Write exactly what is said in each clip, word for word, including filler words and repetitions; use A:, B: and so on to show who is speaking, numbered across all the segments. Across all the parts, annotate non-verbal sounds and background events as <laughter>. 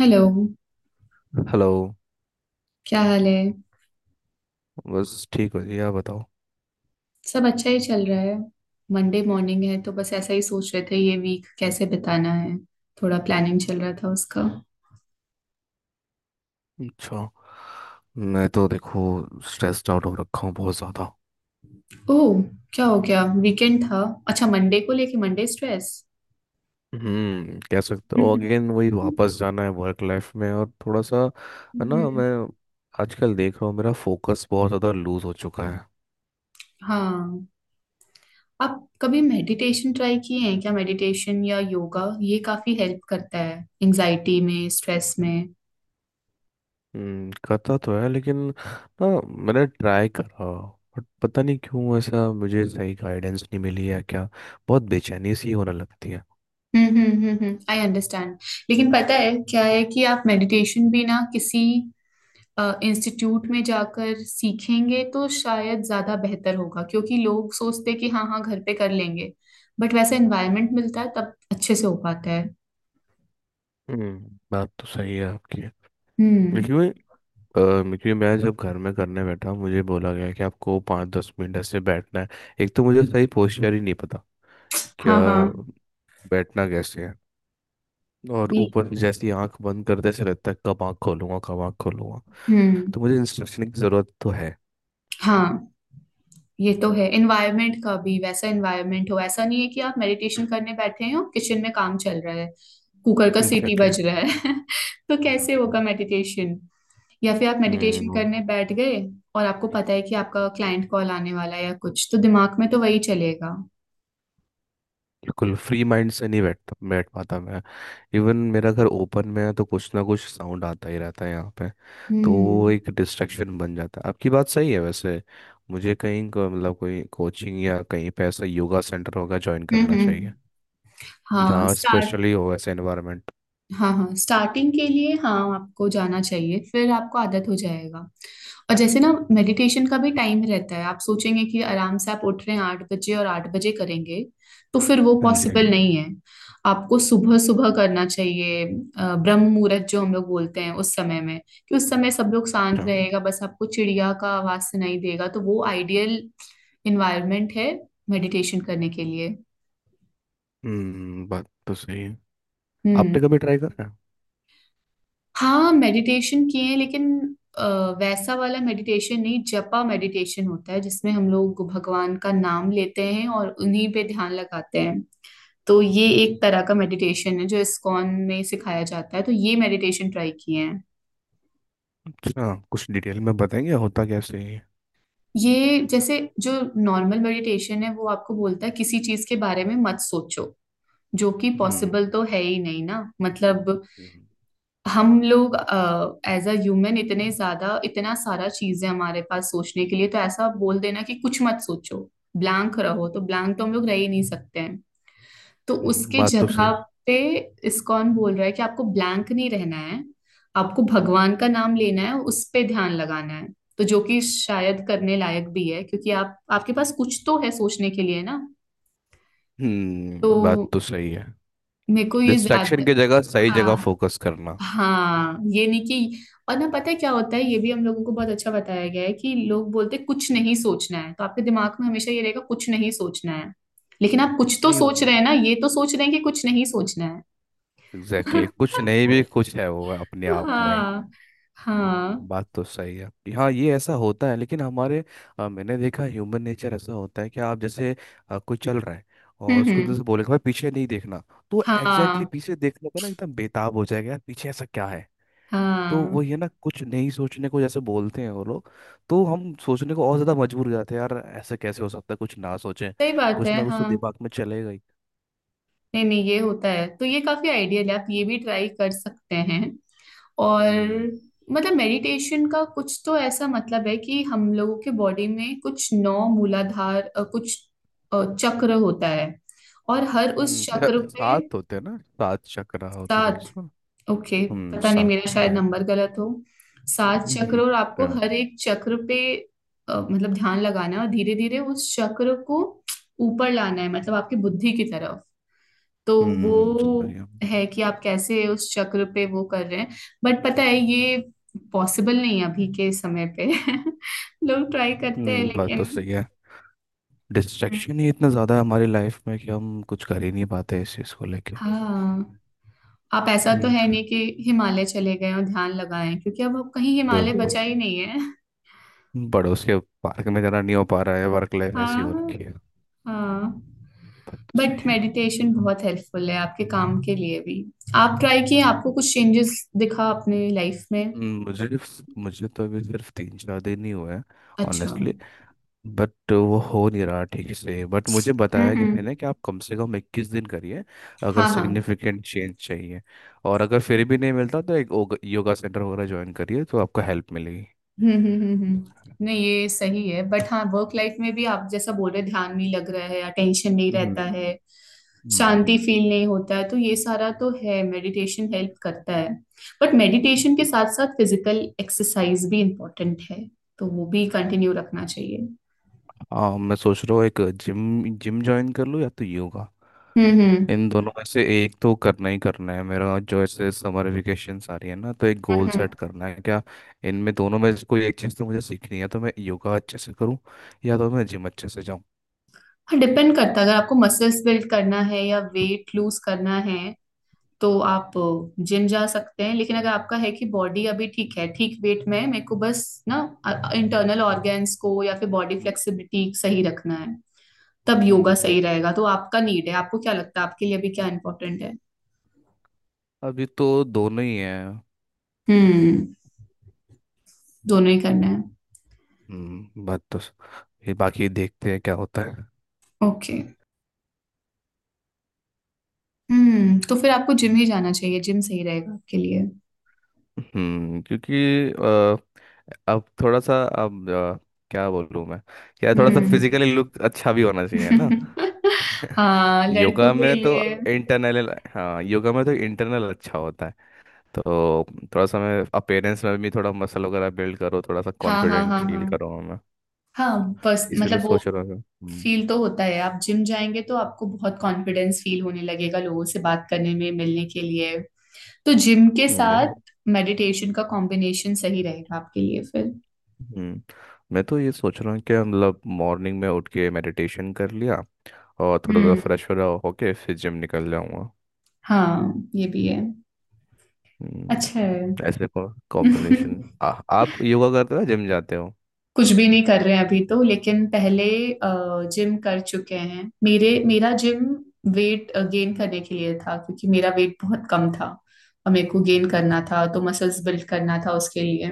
A: Hello.
B: Hello.
A: क्या हाल है।
B: बस ठीक हो जी, आप बताओ।
A: सब अच्छा ही चल रहा है। मंडे मॉर्निंग है तो बस ऐसा ही सोच रहे थे ये वीक कैसे बिताना है। थोड़ा प्लानिंग चल रहा था उसका।
B: अच्छा। मैं तो देखो स्ट्रेस्ड आउट हो रखा हूँ बहुत ज़्यादा।
A: ओह, क्या हो गया, वीकेंड था? अच्छा, मंडे को लेके मंडे स्ट्रेस।
B: हम्म, कह सकते हो
A: हम्म।
B: अगेन वही वापस जाना है वर्क लाइफ में, और थोड़ा सा है ना।
A: <laughs>
B: मैं आजकल देख रहा हूँ मेरा फोकस बहुत ज़्यादा लूज हो चुका है।
A: हाँ, आप कभी मेडिटेशन ट्राई किए हैं क्या? मेडिटेशन या योगा ये काफी हेल्प करता है एंजाइटी में, स्ट्रेस में।
B: हम्म, करता तो है लेकिन ना। मैंने ट्राई करा बट पता नहीं क्यों ऐसा, मुझे सही गाइडेंस नहीं मिली है क्या। बहुत बेचैनी सी होने लगती है।
A: हम्म हम्म हम्म, आई अंडरस्टैंड। लेकिन पता है क्या है कि आप मेडिटेशन भी ना किसी इंस्टीट्यूट में जाकर सीखेंगे तो शायद ज्यादा बेहतर होगा, क्योंकि लोग सोचते हैं कि हाँ हाँ घर पे कर लेंगे। बट वैसा एनवायरनमेंट मिलता है तब अच्छे से हो पाता है।
B: हम्म, बात तो सही है
A: हम्म।
B: आपकी। अ, क्योंकि मैं जब घर में करने बैठा मुझे बोला गया कि आपको पाँच दस मिनट ऐसे बैठना है। एक तो मुझे सही पोस्चर ही नहीं पता क्या,
A: हाँ हाँ।
B: बैठना कैसे है। और
A: ये-
B: ऊपर से जैसी आंख बंद करते से रहता है, कब आंख खोलूंगा कब आंख खोलूंगा।
A: हम्म।
B: तो मुझे इंस्ट्रक्शन की ज़रूरत तो है।
A: हाँ, ये तो है, एनवायरनमेंट का भी वैसा एनवायरनमेंट हो, ऐसा नहीं है कि आप मेडिटेशन करने बैठे हैं और किचन में काम चल रहा है, कुकर का सीटी
B: एग्जैक्टली।
A: बज रहा है <laughs> तो कैसे होगा मेडिटेशन? या फिर आप मेडिटेशन
B: हम्म।
A: करने बैठ गए और आपको पता है कि आपका क्लाइंट कॉल आने वाला है या कुछ, तो दिमाग में तो वही चलेगा।
B: बिल्कुल फ्री माइंड से नहीं बैठ बैठ पाता मैं। इवन मेरा घर ओपन में है तो कुछ ना कुछ साउंड आता ही रहता है यहाँ पे। तो
A: हम्म
B: वो एक डिस्ट्रैक्शन बन जाता है। आपकी बात सही है वैसे। मुझे कहीं को- मतलब कोई कोचिंग या कहीं पे ऐसा योगा सेंटर होगा ज्वाइन
A: हम्म
B: करना
A: हम्म।
B: चाहिए,
A: हाँ
B: जहाँ
A: स्टार्ट।
B: स्पेशली हो ऐसा एनवायरनमेंट।
A: हाँ हाँ, स्टार्टिंग के लिए हाँ आपको जाना चाहिए, फिर आपको आदत हो जाएगा। और जैसे ना मेडिटेशन का भी टाइम रहता है, आप सोचेंगे कि आराम से आप उठ रहे हैं आठ बजे और आठ बजे करेंगे, तो फिर वो
B: जी।
A: पॉसिबल नहीं है। आपको सुबह सुबह करना चाहिए, अ, ब्रह्म मुहूर्त जो हम लोग बोलते हैं उस समय में, कि उस समय सब लोग शांत
B: अच्छा।
A: रहेगा, बस आपको चिड़िया का आवाज सुनाई देगा, तो वो आइडियल इन्वायरमेंट है मेडिटेशन करने के लिए।
B: हम्म, बात तो सही है।
A: हम्म।
B: आपने कभी ट्राई करा है?
A: हाँ मेडिटेशन किए हैं, लेकिन अ, वैसा वाला मेडिटेशन नहीं, जपा मेडिटेशन होता है जिसमें हम लोग भगवान का नाम लेते हैं और उन्हीं पे ध्यान लगाते हैं। तो ये एक तरह का मेडिटेशन है जो इस्कॉन में सिखाया जाता है, तो ये मेडिटेशन ट्राई किए हैं।
B: अच्छा, कुछ डिटेल में बताएंगे होता कैसे है।
A: ये जैसे जो नॉर्मल मेडिटेशन है वो आपको बोलता है किसी चीज के बारे में मत सोचो, जो कि
B: हम्म।
A: पॉसिबल तो है ही नहीं ना, मतलब।
B: हम्म,
A: हम लोग एज अ ह्यूमन इतने ज्यादा इतना सारा चीज है हमारे पास सोचने के लिए, तो ऐसा बोल देना कि कुछ मत सोचो, ब्लैंक रहो, तो ब्लैंक तो हम लोग रह ही नहीं सकते हैं। तो
B: हम्म,
A: उसके
B: बात तो
A: जगह
B: सही है।
A: पे इस्कॉन बोल रहा है कि आपको ब्लैंक नहीं रहना है, आपको भगवान का नाम लेना है, उस पे ध्यान लगाना है। तो जो कि शायद करने लायक भी है, क्योंकि आप आपके पास कुछ तो है सोचने के लिए ना।
B: हम्म, बात
A: तो
B: तो सही है।
A: मेरे को ये ज्यादा।
B: डिस्ट्रैक्शन की जगह सही जगह
A: हाँ
B: फोकस करना।
A: हाँ, ये नहीं कि, और ना पता है क्या होता है, ये भी हम लोगों को बहुत अच्छा बताया गया है कि लोग बोलते हैं, कुछ नहीं सोचना है, तो आपके दिमाग में हमेशा ये रहेगा कुछ नहीं सोचना है। लेकिन आप कुछ तो
B: नहीं।
A: सोच रहे
B: हम्म,
A: हैं ना, ये तो सोच रहे हैं कि कुछ नहीं सोचना है।
B: Exactly exactly।
A: <laughs>
B: कुछ नहीं भी कुछ है वो अपने
A: Right।
B: आप में।
A: हाँ।
B: हम्म,
A: हाँ।
B: बात तो सही है आपकी। हाँ ये ऐसा होता है लेकिन हमारे अ, मैंने देखा ह्यूमन नेचर ऐसा होता है कि आप जैसे अ, कोई चल रहा है और
A: हम्म
B: उसको एकदम
A: हम्म।
B: से बोलेगा भाई पीछे नहीं देखना। तो एग्जैक्टली
A: हाँ
B: exactly पीछे देखने पर ना एकदम बेताब हो जाएगा यार, पीछे ऐसा क्या है। तो
A: हाँ
B: वो ये ना कुछ नहीं सोचने को जैसे बोलते हैं वो लोग, तो हम सोचने को और ज्यादा मजबूर हो जाते हैं, यार ऐसा कैसे हो सकता है कुछ ना सोचें।
A: सही बात
B: कुछ
A: है,
B: ना कुछ तो
A: हाँ।
B: दिमाग में चलेगा।
A: नहीं नहीं, ये होता है, तो ये काफी आइडियल है, आप ये भी ट्राई कर सकते हैं। और
B: हम्म।
A: मतलब मेडिटेशन का कुछ तो ऐसा मतलब है, कि हम लोगों के बॉडी में कुछ नौ मूलाधार अ, कुछ अ, चक्र होता है, और हर
B: हम्म,
A: उस चक्र
B: फिर
A: पे।
B: सात होते हैं ना, सात चक्र होते बोल
A: सात।
B: उसको।
A: ओके।
B: हम्म,
A: पता नहीं
B: सात।
A: मेरा शायद
B: ओके।
A: नंबर गलत हो। सात चक्र,
B: हम्म।
A: और आपको
B: क्या-
A: हर
B: <laughs>
A: एक चक्र पे अ, मतलब ध्यान लगाना है, और धीरे धीरे उस चक्र को ऊपर लाना है, मतलब आपकी बुद्धि की तरफ। तो वो।
B: हम्म, समझ गया।
A: हम्म, है कि आप कैसे उस चक्र पे वो कर रहे हैं। बट पता है ये पॉसिबल नहीं है अभी के समय पे। <laughs> लोग ट्राई करते हैं
B: हम्म,
A: बिल्कुल,
B: बात तो
A: लेकिन
B: सही है। डिस्ट्रैक्शन ही इतना ज़्यादा है हमारी लाइफ में कि हम कुछ कर ही नहीं पाते इस चीज़ को लेके।
A: हाँ। आप ऐसा तो
B: हम्म।
A: है नहीं कि हिमालय चले गए और ध्यान लगाएं, क्योंकि अब अब कहीं हिमालय
B: देखो,
A: बचा ही नहीं है। <laughs>
B: पड़ोस के पार्क में जाना नहीं हो पा रहा है, वर्क लाइफ ऐसी हो
A: हाँ
B: रखी है।
A: हाँ।
B: बात तो
A: बट
B: सही है।
A: मेडिटेशन बहुत हेल्पफुल है आपके काम के लिए भी। आप ट्राई किए,
B: हम्म,
A: आपको कुछ चेंजेस दिखा अपने लाइफ में?
B: हम्म, मुझे मुझे तो अभी सिर्फ तीन चार दिन ही हुए हैं।
A: अच्छा,
B: ऑनेस्टली।
A: हम्म
B: बट वो हो नहीं रहा ठीक से, बट मुझे बताया
A: हम्म।
B: किसी ने कि आप कम से कम इक्कीस दिन करिए अगर
A: हाँ हाँ।
B: सिग्निफिकेंट चेंज चाहिए। और अगर फिर भी नहीं मिलता तो एक ओग- योगा सेंटर वगैरह ज्वाइन करिए तो आपको हेल्प मिलेगी।
A: हम्म हम्म हम्म हम्म। नहीं, ये सही है, बट हाँ वर्क लाइफ में भी आप जैसा बोल रहे, ध्यान नहीं लग रहा है, अटेंशन नहीं
B: हम्म।
A: रहता है,
B: हम्म।
A: शांति फील नहीं होता है, तो ये सारा तो है, मेडिटेशन हेल्प करता है। बट मेडिटेशन के साथ साथ फिजिकल एक्सरसाइज भी इम्पोर्टेंट है, तो वो भी कंटिन्यू रखना चाहिए।
B: हाँ मैं सोच रहा हूँ एक जिम जिम ज्वाइन कर लूँ या तो योगा।
A: हम्म हम्म।
B: इन दोनों में से एक तो करना ही करना है मेरा, जो ऐसे समर वेकेशंस आ रही है ना तो एक गोल
A: हम्म, हम्म।
B: सेट करना है क्या। इनमें दोनों में से कोई एक चीज़ तो मुझे सीखनी है, तो मैं योगा अच्छे से करूँ या तो मैं जिम अच्छे से।
A: हाँ, डिपेंड करता है, अगर आपको मसल्स बिल्ड करना है या वेट लूज करना है, तो आप जिम जा सकते हैं, लेकिन अगर आपका है कि बॉडी अभी ठीक है, ठीक वेट में है, मेरे को बस ना इंटरनल ऑर्गेन्स को या फिर बॉडी
B: हम्म,
A: फ्लेक्सिबिलिटी सही रखना है, तब योगा
B: हम्म,
A: सही रहेगा। तो आपका नीड है, आपको क्या लगता है आपके लिए अभी क्या इंपॉर्टेंट है?
B: अभी तो दोनों ही हैं।
A: हम्म, दोनों ही करना है।
B: हम्म, बात तो स- ये बाकी देखते हैं क्या होता है।
A: ओके। हम्म, तो फिर आपको जिम ही जाना चाहिए, जिम सही रहेगा आपके लिए।
B: हम्म क्योंकि अ, अब थोड़ा सा अब अ, क्या बोलूँ मैं, यार थोड़ा सा
A: हम्म।
B: फिजिकली लुक अच्छा भी होना चाहिए ना।
A: <laughs>
B: <laughs>
A: हाँ लड़कों
B: योगा
A: के
B: में तो
A: लिए।
B: इंटरनल, हाँ योगा में तो इंटरनल अच्छा होता है। तो थोड़ा सा मैं अपेयरेंस में भी थोड़ा मसल वगैरह बिल्ड करो, थोड़ा सा
A: हाँ हाँ
B: कॉन्फिडेंट
A: हाँ हाँ,
B: फील करो मैं,
A: हाँ बस
B: इसलिए
A: मतलब वो
B: सोच रहा था। हम्म।
A: फील तो होता है, आप जिम जाएंगे तो आपको बहुत कॉन्फिडेंस फील होने लगेगा लोगों से बात करने में, मिलने के लिए। तो जिम के
B: हम्म, देखो।
A: साथ मेडिटेशन का कॉम्बिनेशन सही रहेगा आपके लिए फिर।
B: हम्म। मैं तो ये सोच रहा हूँ कि मतलब मॉर्निंग में उठ के मेडिटेशन कर लिया और थोड़ा सा
A: हम्म।
B: फ्रेश वगैरह होके फिर जिम निकल जाऊंगा।
A: हाँ ये भी है। अच्छा
B: हम्म।
A: है।
B: ऐसे को कॉम्बिनेशन,
A: <laughs>
B: आप योगा करते हो जिम जाते हो।
A: कुछ भी नहीं कर रहे हैं अभी तो, लेकिन पहले जिम कर चुके हैं, मेरे मेरा जिम वेट गेन करने के लिए था, क्योंकि मेरा वेट बहुत कम था, और मेरे को गेन करना
B: अच्छा।
A: था, तो मसल्स बिल्ड करना था उसके लिए।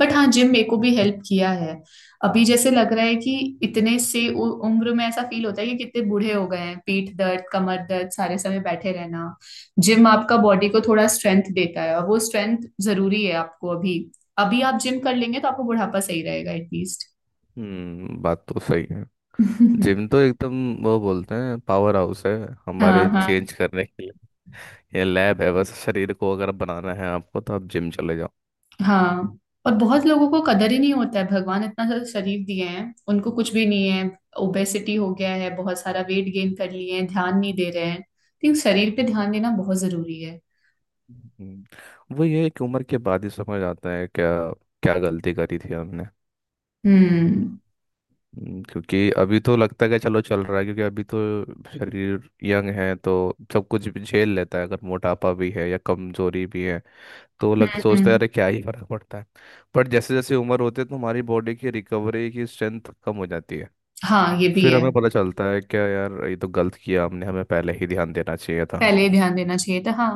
A: बट हाँ, जिम मेरे को भी हेल्प किया है। अभी जैसे लग रहा है कि इतने से उ- उम्र में ऐसा फील होता है कि कितने बूढ़े हो गए हैं, पीठ दर्द, कमर दर्द, सारे समय बैठे रहना। जिम आपका बॉडी को थोड़ा स्ट्रेंथ देता है, और वो स्ट्रेंथ जरूरी है आपको अभी। अभी आप जिम कर लेंगे तो आपको बुढ़ापा सही रहेगा एटलीस्ट।
B: हम्म, बात तो सही है। जिम
A: <laughs>
B: तो एकदम, वो बोलते हैं पावर हाउस है
A: हाँ
B: हमारे
A: हाँ
B: चेंज करने के लिए। ये लैब है बस, शरीर को अगर बनाना है आपको तो आप जिम चले जाओ।
A: हाँ। और बहुत लोगों को कदर ही नहीं होता है, भगवान इतना सारा शरीर दिए हैं उनको, कुछ भी नहीं है, ओबेसिटी हो गया है, बहुत सारा वेट गेन कर लिए हैं, ध्यान नहीं दे रहे हैं, तो शरीर पे ध्यान देना बहुत जरूरी है।
B: हम्म, वो ये एक उम्र के बाद ही समझ आता है क्या क्या गलती करी थी हमने।
A: हम्म
B: हम्म, क्योंकि अभी तो लगता है कि चलो चल रहा है, क्योंकि अभी तो शरीर यंग है तो सब कुछ भी झेल लेता है, अगर मोटापा भी है या कमजोरी भी है तो
A: हम्म
B: लग सोचता है
A: हम्म।
B: अरे क्या ही फर्क पड़ता है। बट जैसे जैसे उम्र होती है तो हमारी बॉडी की रिकवरी की स्ट्रेंथ कम हो जाती है।
A: हाँ ये भी
B: फिर
A: है।
B: हमें पता चलता है क्या यार ये तो गलत किया हमने, हमें पहले ही ध्यान देना चाहिए था।
A: पहले ही ध्यान देना चाहिए था, हाँ।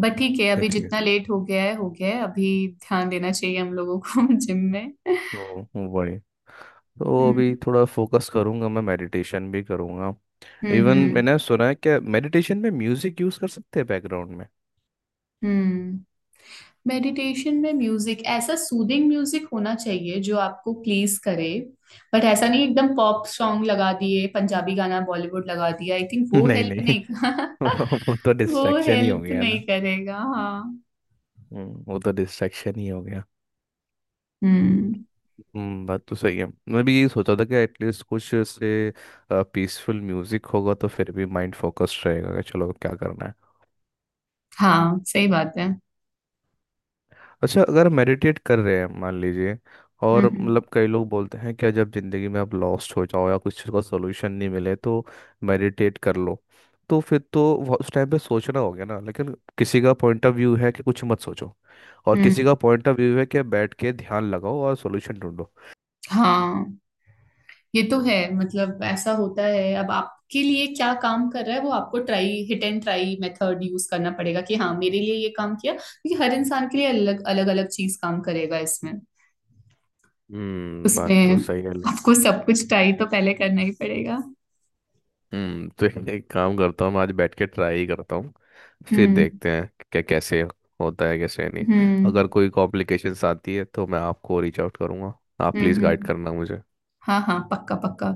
A: बट ठीक है, अभी
B: देखिए।
A: जितना लेट हो गया है हो गया है, अभी ध्यान देना चाहिए हम लोगों को। <laughs> जिम में।
B: हम्म, वही। तो
A: हम्म
B: अभी थोड़ा फोकस करूंगा मैं, मेडिटेशन भी करूंगा।
A: हम्म
B: इवन
A: हम्म
B: मैंने सुना है कि मेडिटेशन में म्यूजिक यूज कर सकते हैं बैकग्राउंड।
A: हम्म। मेडिटेशन में म्यूजिक ऐसा सूदिंग म्यूजिक होना चाहिए जो आपको प्लीज करे, बट ऐसा नहीं एकदम पॉप सॉन्ग लगा दिए, पंजाबी गाना बॉलीवुड लगा दिया, आई थिंक वो
B: नहीं,
A: हेल्प
B: नहीं।
A: नहीं
B: <laughs> वो तो
A: <laughs> वो
B: डिस्ट्रैक्शन ही हो
A: हेल्प
B: गया
A: नहीं
B: ना।
A: करेगा, हाँ।
B: हम्म, वो तो डिस्ट्रैक्शन ही हो गया।
A: हम्म।
B: हम्म, बात तो सही है। मैं भी यही सोचा था कि एटलीस्ट कुछ से पीसफुल म्यूजिक होगा तो फिर भी माइंड फोकस्ड रहेगा कि चलो क्या करना है।
A: हाँ सही बात है।
B: अच्छा अगर मेडिटेट कर रहे हैं मान लीजिए,
A: हम्म
B: और
A: हम्म
B: मतलब कई लोग बोलते हैं क्या, जब ज़िंदगी में आप लॉस्ट हो जाओ या कुछ चीज़ का सोल्यूशन नहीं मिले तो मेडिटेट कर लो। तो फिर तो वो- उस टाइम पे सोचना हो गया ना, लेकिन किसी का पॉइंट ऑफ व्यू है कि कुछ मत सोचो और किसी
A: हम्म,
B: का पॉइंट ऑफ व्यू है कि बैठ के ध्यान लगाओ और सोल्यूशन ढूंढो।
A: हाँ ये तो है, मतलब ऐसा होता है, अब आपके लिए क्या काम कर रहा है, वो आपको try, hit and try method use करना पड़ेगा, कि हाँ मेरे लिए ये काम किया, क्योंकि हर इंसान के लिए अलग अलग अलग चीज काम करेगा इसमें
B: हम्म, बात
A: उसमें।
B: तो सही है।
A: आपको सब कुछ ट्राई तो पहले करना ही पड़ेगा।
B: हम्म, तो एक काम करता हूँ, मैं आज बैठ के ट्राई करता हूँ, फिर
A: हम्म
B: देखते हैं क्या कैसे होता है कैसे नहीं।
A: हम्म
B: अगर कोई कॉम्प्लिकेशंस आती है तो मैं आपको रीच आउट करूँगा, आप
A: हम्म
B: प्लीज़ गाइड
A: हम्म।
B: करना मुझे।
A: हाँ हाँ पक्का पक्का।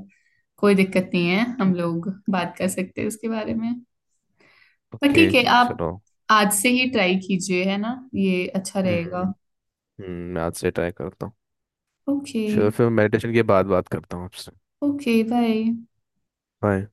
A: कोई दिक्कत नहीं है, हम लोग बात कर सकते हैं उसके बारे में। पर
B: ओके
A: ठीक है, आप
B: चलो।
A: आज से ही ट्राई कीजिए, है ना? ये अच्छा रहेगा।
B: हम्म। हम्म, मैं आज से ट्राई करता हूँ।
A: ओके।
B: चलो फिर मेडिटेशन के बाद बात करता हूँ आपसे।
A: Okay bye.
B: बाय।